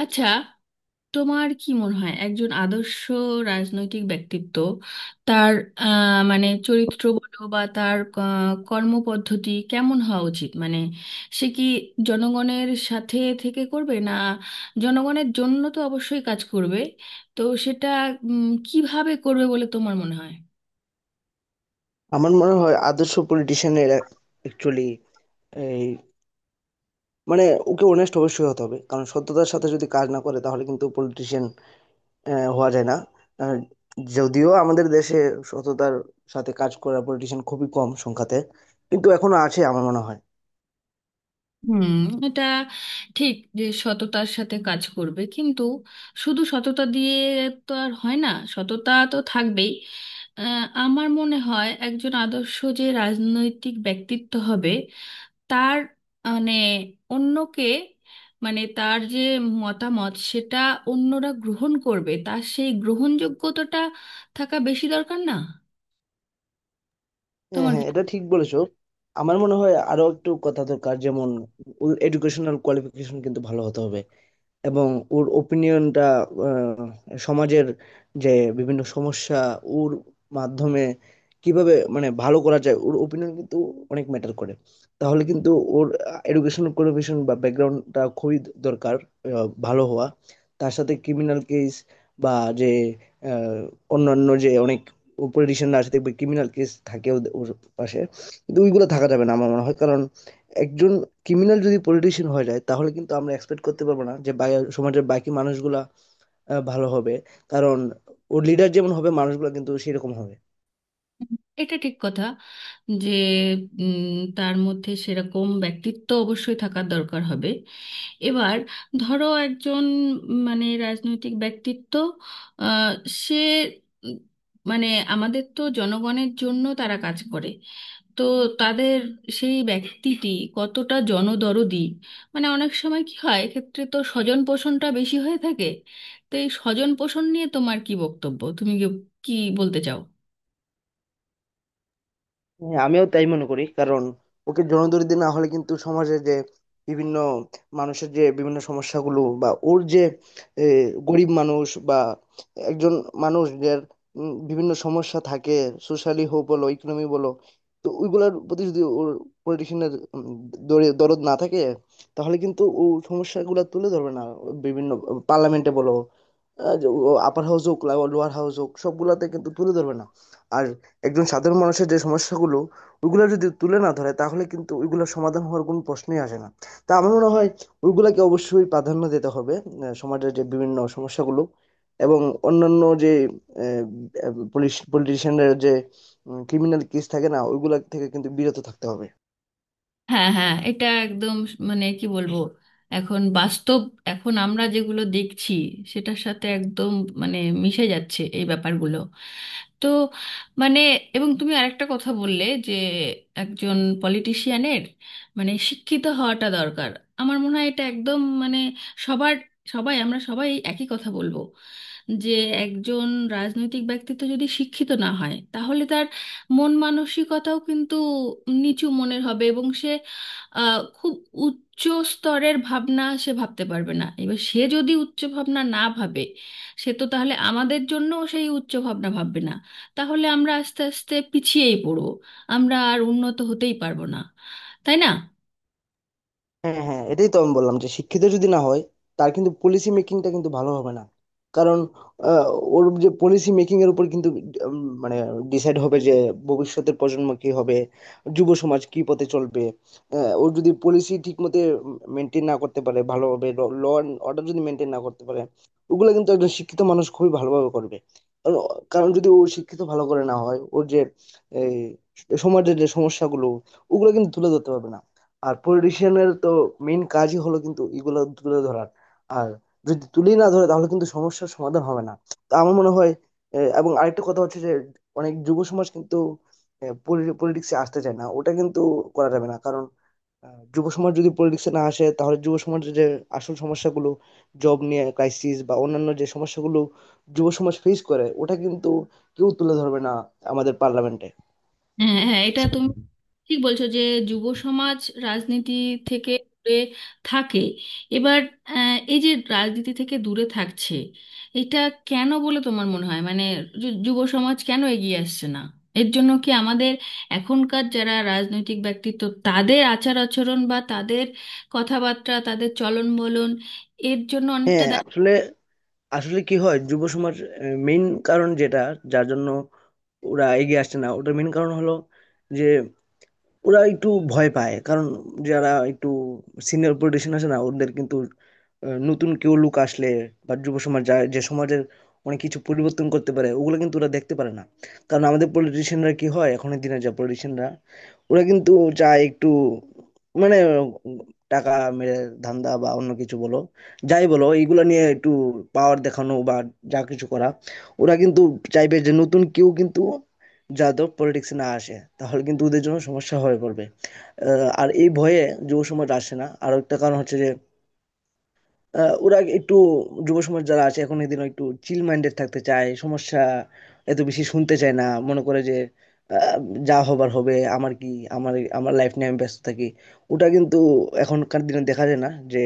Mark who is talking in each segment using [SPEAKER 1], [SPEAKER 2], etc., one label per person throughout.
[SPEAKER 1] আচ্ছা, তোমার কি মনে হয় একজন আদর্শ রাজনৈতিক ব্যক্তিত্ব তার মানে চরিত্র বলো বা তার কর্মপদ্ধতি কেমন হওয়া উচিত? মানে সে কি জনগণের সাথে থেকে করবে না জনগণের জন্য? তো অবশ্যই কাজ করবে, তো সেটা কিভাবে করবে বলে তোমার মনে হয়?
[SPEAKER 2] আমার মনে হয় আদর্শ পলিটিশিয়ানের অ্যাকচুয়ালি এই মানে ওকে অনেস্ট অবশ্যই হতে হবে, কারণ সততার সাথে যদি কাজ না করে তাহলে কিন্তু পলিটিশিয়ান হওয়া যায় না। আহ, যদিও আমাদের দেশে সততার সাথে কাজ করা পলিটিশিয়ান খুবই কম সংখ্যাতে, কিন্তু এখনো আছে আমার মনে হয়।
[SPEAKER 1] হুম, এটা ঠিক যে সততার সাথে কাজ করবে, কিন্তু শুধু সততা দিয়ে তো আর হয় না। সততা তো থাকবেই। আমার মনে হয় একজন আদর্শ যে রাজনৈতিক ব্যক্তিত্ব হবে তার মানে অন্যকে, মানে তার যে মতামত সেটা অন্যরা গ্রহণ করবে, তার সেই গ্রহণযোগ্যতাটা থাকা বেশি দরকার না?
[SPEAKER 2] হ্যাঁ
[SPEAKER 1] তোমার কি?
[SPEAKER 2] হ্যাঁ এটা ঠিক বলেছো। আমার মনে হয় আরো একটু কথা দরকার, যেমন এডুকেশনাল কোয়ালিফিকেশন কিন্তু ভালো হতে হবে, এবং ওর ওপিনিয়নটা, সমাজের যে বিভিন্ন সমস্যা ওর মাধ্যমে কিভাবে ভালো করা যায় ওর ওপিনিয়ন কিন্তু অনেক ম্যাটার করে। তাহলে কিন্তু ওর এডুকেশন কোয়ালিফিকেশন বা ব্যাকগ্রাউন্ডটা খুবই দরকার ভালো হওয়া। তার সাথে ক্রিমিনাল কেস বা যে আহ, অন্যান্য যে অনেক পলিটিশিয়ানরা আছে দেখবে ক্রিমিনাল কেস থাকে ওর পাশে, কিন্তু ওইগুলো থাকা যাবে না আমার মনে হয়। কারণ একজন ক্রিমিনাল যদি পলিটিশিয়ান হয়ে যায় তাহলে কিন্তু আমরা এক্সপেক্ট করতে পারবো না যে সমাজের বাকি মানুষগুলা ভালো হবে, কারণ ওর লিডার যেমন হবে মানুষগুলা কিন্তু সেরকম হবে।
[SPEAKER 1] এটা ঠিক কথা যে উম, তার মধ্যে সেরকম ব্যক্তিত্ব অবশ্যই থাকার দরকার হবে। এবার ধরো একজন মানে রাজনৈতিক ব্যক্তিত্ব, আহ, সে উম, মানে আমাদের তো জনগণের জন্য তারা কাজ করে, তো তাদের সেই ব্যক্তিটি কতটা জনদরদি। মানে অনেক সময় কি হয়, এক্ষেত্রে তো স্বজন পোষণটা বেশি হয়ে থাকে। তো এই স্বজন পোষণ নিয়ে তোমার কি বক্তব্য, তুমি কি কি বলতে চাও?
[SPEAKER 2] আমিও তাই মনে করি, কারণ ওকে জনদরদি না হলে কিন্তু সমাজে যে বিভিন্ন মানুষের যে বিভিন্ন সমস্যাগুলো, বা ওর যে এ, গরিব মানুষ বা একজন মানুষ যার বিভিন্ন সমস্যা থাকে সোশ্যালি হোক বলো ইকোনমি বলো, তো ওইগুলোর প্রতি যদি ওর পলিটিশিয়ানের দরদ না থাকে তাহলে কিন্তু ও সমস্যাগুলো তুলে ধরবে না। বিভিন্ন পার্লামেন্টে বলো, আপার হাউস হোক লোয়ার হাউস হোক সবগুলাতে কিন্তু তুলে ধরবে না। আর একজন সাধারণ মানুষের যে সমস্যাগুলো ওইগুলো যদি তুলে না ধরে তাহলে কিন্তু ওইগুলোর সমাধান হওয়ার কোনো প্রশ্নই আসে না। তা আমার মনে হয় ওইগুলাকে অবশ্যই প্রাধান্য দিতে হবে, সমাজের যে বিভিন্ন সমস্যাগুলো, এবং অন্যান্য যে পলিটিশিয়ানদের যে ক্রিমিনাল কেস থাকে না ওইগুলা থেকে কিন্তু বিরত থাকতে হবে।
[SPEAKER 1] হ্যাঁ হ্যাঁ, এটা একদম মানে কি বলবো, এখন বাস্তব, এখন আমরা যেগুলো দেখছি সেটার সাথে একদম মানে মিশে যাচ্ছে এই ব্যাপারগুলো। তো মানে এবং তুমি আরেকটা কথা বললে যে একজন পলিটিশিয়ানের মানে শিক্ষিত হওয়াটা দরকার। আমার মনে হয় এটা একদম মানে সবার, সবাই আমরা সবাই একই কথা বলবো যে একজন রাজনৈতিক ব্যক্তিত্ব যদি শিক্ষিত না হয় তাহলে তার মন মানসিকতাও কিন্তু নিচু মনের হবে এবং সে খুব উচ্চ স্তরের ভাবনা সে ভাবতে পারবে না। এবার সে যদি উচ্চ ভাবনা না ভাবে, সে তো তাহলে আমাদের জন্য সেই উচ্চ ভাবনা ভাববে না। তাহলে আমরা আস্তে আস্তে পিছিয়েই পড়বো, আমরা আর উন্নত হতেই পারবো না, তাই না?
[SPEAKER 2] হ্যাঁ, হ্যাঁ, এটাই তো আমি বললাম যে শিক্ষিত যদি না হয় তার কিন্তু পলিসি মেকিংটা কিন্তু ভালো হবে না। কারণ আহ, ওর যে পলিসি মেকিং এর উপর কিন্তু উম, মানে ডিসাইড হবে যে ভবিষ্যতের প্রজন্ম কি হবে, যুব সমাজ কি পথে চলবে। ও যদি পলিসি ঠিক মতো মেনটেন না করতে পারে ভালোভাবে, ল অ্যান্ড অর্ডার যদি মেনটেন না করতে পারে, ওগুলো কিন্তু একজন শিক্ষিত মানুষ খুবই ভালোভাবে করবে। কারণ কারণ যদি ও শিক্ষিত ভালো করে না হয় ওর যে এই, সমাজের যে সমস্যাগুলো ওগুলো কিন্তু তুলে ধরতে পারবে না। আর পলিটিশিয়ানের তো মেইন কাজই হলো কিন্তু এগুলো তুলে ধরার, আর যদি তুলেই না ধরে তাহলে কিন্তু সমস্যার সমাধান হবে না। তো আমার মনে হয় এবং আরেকটা কথা হচ্ছে যে অনেক যুব সমাজ কিন্তু পলিটিক্সে আসতে চায় না, ওটা কিন্তু করা যাবে না। কারণ যুব সমাজ যদি পলিটিক্সে না আসে তাহলে যুব সমাজের যে আসল সমস্যাগুলো, জব নিয়ে ক্রাইসিস বা অন্যান্য যে সমস্যাগুলো যুব সমাজ ফেস করে ওটা কিন্তু কেউ তুলে ধরবে না আমাদের পার্লামেন্টে।
[SPEAKER 1] হ্যাঁ হ্যাঁ, এটা তুমি ঠিক বলছো যে যুব সমাজ রাজনীতি থেকে দূরে থাকে। এবার এই যে রাজনীতি থেকে দূরে থাকছে, এটা কেন বলে তোমার মনে হয়? মানে যুব সমাজ কেন এগিয়ে আসছে না? এর জন্য কি আমাদের এখনকার যারা রাজনৈতিক ব্যক্তিত্ব তাদের আচার আচরণ বা তাদের কথাবার্তা, তাদের চলন বলন, এর জন্য অনেকটা?
[SPEAKER 2] আসলে, আসলে কি হয়, যুব সমাজ মেইন কারণ যেটা, যার জন্য ওরা এগিয়ে আসছে না ওটার মেইন কারণ হলো যে ওরা একটু ভয় পায়। কারণ যারা একটু সিনিয়র পলিটিশিয়ান আছে না ওদের কিন্তু নতুন কেউ লোক আসলে বা যুব সমাজ যে সমাজের অনেক কিছু পরিবর্তন করতে পারে ওগুলো কিন্তু ওরা দেখতে পারে না। কারণ আমাদের পলিটিশিয়ানরা কি হয়, এখনের দিনে যা পলিটিশিয়ানরা, ওরা কিন্তু চায় একটু মানে টাকা মেরে ধান্দা বা অন্য কিছু বলো, যাই বলো এইগুলা নিয়ে একটু পাওয়ার দেখানো বা যা কিছু করা। ওরা কিন্তু চাইবে যে নতুন কেউ কিন্তু যাদব পলিটিক্সে না আসে, তাহলে কিন্তু ওদের জন্য সমস্যা হয়ে পড়বে। আর এই ভয়ে যুব সমাজ আসে না। আর একটা কারণ হচ্ছে যে ওরা একটু, যুব সমাজ যারা আছে এখন এদিন একটু চিল মাইন্ডেড থাকতে চায়, সমস্যা এত বেশি শুনতে চায় না, মনে করে যে আহ, যা হবার হবে, আমার কি, আমার আমার লাইফ নিয়ে আমি ব্যস্ত থাকি। ওটা কিন্তু এখনকার দিনে দেখা যায় না যে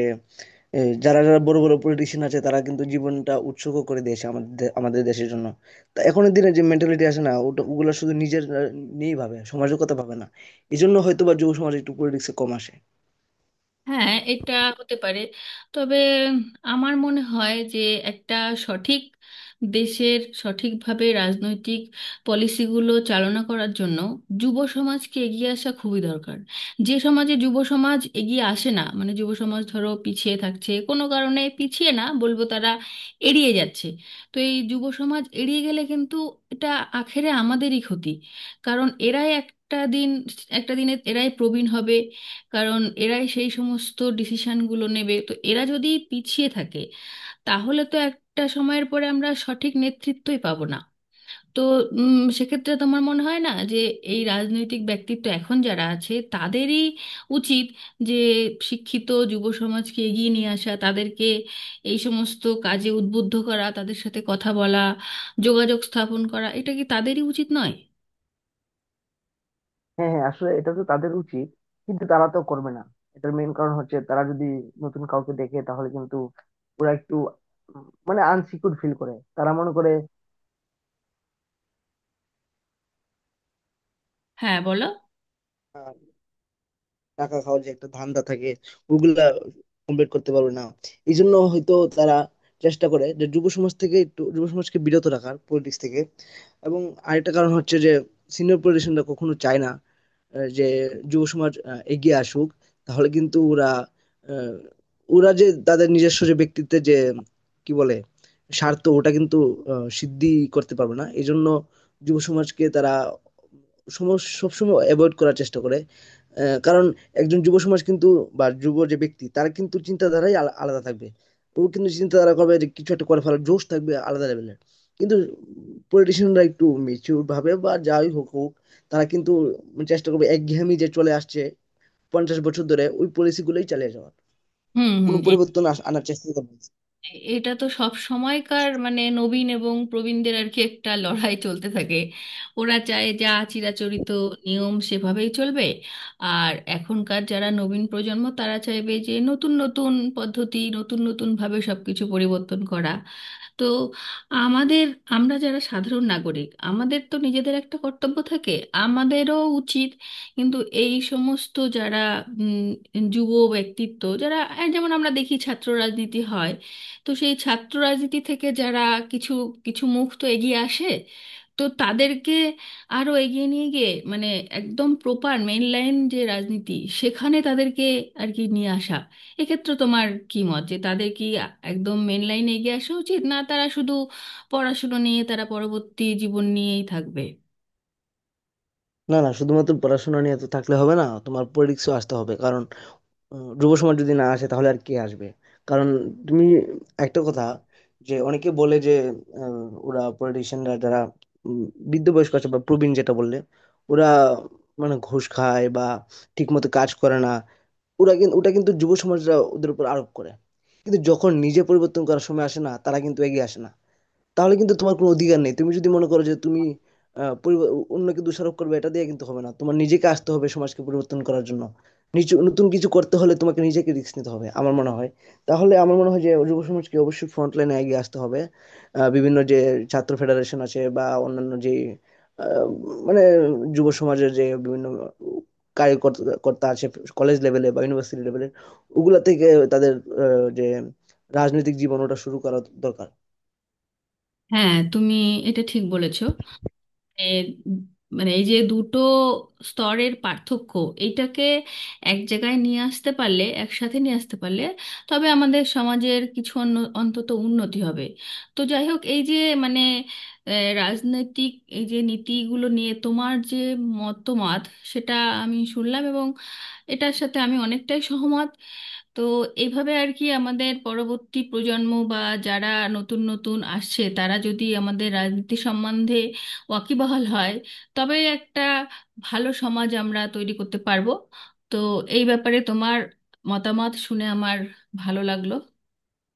[SPEAKER 2] এ যারা বড়, বড় পলিটিশিয়ান আছে তারা কিন্তু জীবনটা উৎসর্গ করে দিয়েছে আমাদের আমাদের দেশের জন্য। তা এখনের দিনে যে মেন্টালিটি আছে না ওটা ওগুলা শুধু নিজের নিয়েই ভাবে, সমাজের কথা ভাবে না। এজন্য হয়তোবা যুব সমাজে একটু পলিটিক্সে কম আসে।
[SPEAKER 1] হ্যাঁ, এটা হতে পারে। তবে আমার মনে হয় যে একটা সঠিক দেশের সঠিকভাবে রাজনৈতিক পলিসিগুলো চালনা করার জন্য যুব সমাজকে এগিয়ে আসা খুবই দরকার। যে সমাজে যুব সমাজ এগিয়ে আসে না, মানে যুব সমাজ ধরো পিছিয়ে থাকছে কোনো কারণে, পিছিয়ে না বলবো তারা এড়িয়ে যাচ্ছে। তো এই যুব সমাজ এড়িয়ে গেলে কিন্তু এটা আখেরে আমাদেরই ক্ষতি। কারণ এরাই একটা দিন, একটা দিনে এরাই প্রবীণ হবে, কারণ এরাই সেই সমস্ত ডিসিশনগুলো নেবে। তো এরা যদি পিছিয়ে থাকে তাহলে তো একটা সময়ের পরে আমরা সঠিক নেতৃত্বই পাবো না। তো সেক্ষেত্রে তোমার মনে হয় না যে এই রাজনৈতিক ব্যক্তিত্ব এখন যারা আছে তাদেরই উচিত যে শিক্ষিত যুব সমাজকে এগিয়ে নিয়ে আসা, তাদেরকে এই সমস্ত কাজে উদ্বুদ্ধ করা, তাদের সাথে কথা বলা, যোগাযোগ স্থাপন করা, এটা কি তাদেরই উচিত নয়?
[SPEAKER 2] হ্যাঁ, হ্যাঁ, আসলে এটা তো তাদের উচিত, কিন্তু তারা তো করবে না। এটার মেইন কারণ হচ্ছে তারা যদি নতুন কাউকে দেখে তাহলে কিন্তু ওরা একটু উম, মানে আনসিকিউর ফিল করে, তারা মনে করে
[SPEAKER 1] হ্যাঁ, বলো।
[SPEAKER 2] টাকা খাওয়ার যে একটা ধান্দা থাকে ওগুলা কমপ্লিট করতে পারবে না। এই জন্য হয়তো তারা চেষ্টা করে যে যুব সমাজ থেকে একটু, যুব সমাজকে বিরত রাখার পলিটিক্স থেকে। এবং আরেকটা কারণ হচ্ছে যে সিনিয়র পলিটিশিয়ানরা কখনো চায় না যে যুব সমাজ এগিয়ে আসুক, তাহলে কিন্তু ওরা আহ, ওরা যে তাদের নিজস্ব যে ব্যক্তিত্বের যে, কি বলে, স্বার্থ ওটা কিন্তু সিদ্ধি করতে পারবে না। এই জন্য যুব সমাজকে তারা সবসময় অ্যাভয়েড করার চেষ্টা করে। কারণ একজন যুব সমাজ কিন্তু, বা যুব যে ব্যক্তি, তার কিন্তু চিন্তাধারাই আলাদা থাকবে। ও কিন্তু চিন্তাধারা করবে যে কিছু একটা করে ফেলার জোশ থাকবে আলাদা লেভেলের। কিন্তু পলিটিশিয়ানরা একটু মেচিউর ভাবে বা যাই হোক হোক, তারা কিন্তু চেষ্টা করবে একঘেয়েমি যে চলে আসছে 50 বছর ধরে ওই পলিসি গুলোই চালিয়ে যাওয়ার,
[SPEAKER 1] হুম হুম।
[SPEAKER 2] কোনো পরিবর্তন আনার চেষ্টা করবে।
[SPEAKER 1] এটা তো সব সময়কার মানে নবীন এবং প্রবীণদের আর কি একটা লড়াই চলতে থাকে। ওরা চায় যা চিরাচরিত নিয়ম সেভাবেই চলবে, আর এখনকার যারা নবীন প্রজন্ম তারা চাইবে যে নতুন নতুন পদ্ধতি, নতুন নতুন ভাবে সবকিছু পরিবর্তন করা। তো আমাদের, আমরা যারা সাধারণ নাগরিক আমাদের তো নিজেদের একটা কর্তব্য থাকে। আমাদেরও উচিত কিন্তু এই সমস্ত যারা উম, যুব ব্যক্তিত্ব যারা, এই যেমন আমরা দেখি ছাত্র রাজনীতি হয়, তো সেই ছাত্র রাজনীতি থেকে যারা কিছু কিছু মুখ তো এগিয়ে আসে, তো তাদেরকে আরো এগিয়ে নিয়ে গিয়ে মানে একদম প্রপার মেইন লাইন যে রাজনীতি, সেখানে তাদেরকে আর কি নিয়ে আসা। এক্ষেত্রে তোমার কি মত, যে তাদের কি একদম মেইন লাইনে এগিয়ে আসা উচিত, না তারা শুধু পড়াশুনো নিয়ে তারা পরবর্তী জীবন নিয়েই থাকবে?
[SPEAKER 2] না, না, না, শুধুমাত্র পড়াশোনা নিয়ে তো থাকলে হবে না, তোমার পলিটিক্সও আসতে হবে। কারণ যুব সমাজ যদি না আসে তাহলে আর কে আসবে? কারণ তুমি একটা কথা, যে অনেকে বলে যে ওরা পলিটিশিয়ানরা যারা উম, বৃদ্ধ বয়স্ক আছে বা প্রবীণ যেটা বললে, ওরা ঘুষ খায় বা ঠিক মতো কাজ করে না, ওরা কিন্তু ওটা কিন্তু যুব সমাজরা ওদের উপর আরোপ করে, কিন্তু যখন নিজে পরিবর্তন করার সময় আসে না তারা কিন্তু এগিয়ে আসে না। তাহলে কিন্তু তোমার কোনো অধিকার নেই, তুমি যদি মনে করো যে তুমি আহ, পরিব- অন্যকে দোষারোপ করবে এটা দিয়ে কিন্তু হবে না, তোমার নিজেকে আসতে হবে সমাজকে পরিবর্তন করার জন্য। নিচু নতুন কিছু করতে হলে তোমাকে নিজেকে রিস্ক নিতে হবে আমার মনে হয়। তাহলে আমার মনে হয় যে যুব সমাজকে অবশ্যই ফ্রন্ট লাইনে এগিয়ে আসতে হবে। বিভিন্ন যে ছাত্র ফেডারেশন আছে বা অন্যান্য যে আহ, মানে যুব সমাজের যে বিভিন্ন কার্যকর্তা আছে কলেজ লেভেলে বা ইউনিভার্সিটি লেভেলে, ওগুলা থেকে তাদের যে রাজনৈতিক জীবন ওটা শুরু করা দরকার।
[SPEAKER 1] হ্যাঁ, তুমি এটা ঠিক বলেছ। এ, মানে এই যে দুটো স্তরের পার্থক্য, এইটাকে এক জায়গায় নিয়ে আসতে পারলে, একসাথে নিয়ে আসতে পারলে, তবে আমাদের সমাজের কিছু অন্তত উন্নতি হবে। তো যাই হোক, এই যে মানে এ, রাজনৈতিক এই যে নীতিগুলো নিয়ে তোমার যে মতামত সেটা আমি শুনলাম, এবং এটার সাথে আমি অনেকটাই সহমত। তো এইভাবে আর কি আমাদের পরবর্তী প্রজন্ম বা যারা নতুন নতুন আসছে তারা যদি আমাদের রাজনীতি সম্বন্ধে ওয়াকিবহাল হয় তবে একটা ভালো সমাজ আমরা তৈরি করতে পারবো। তো এই ব্যাপারে তোমার মতামত শুনে আমার ভালো লাগলো।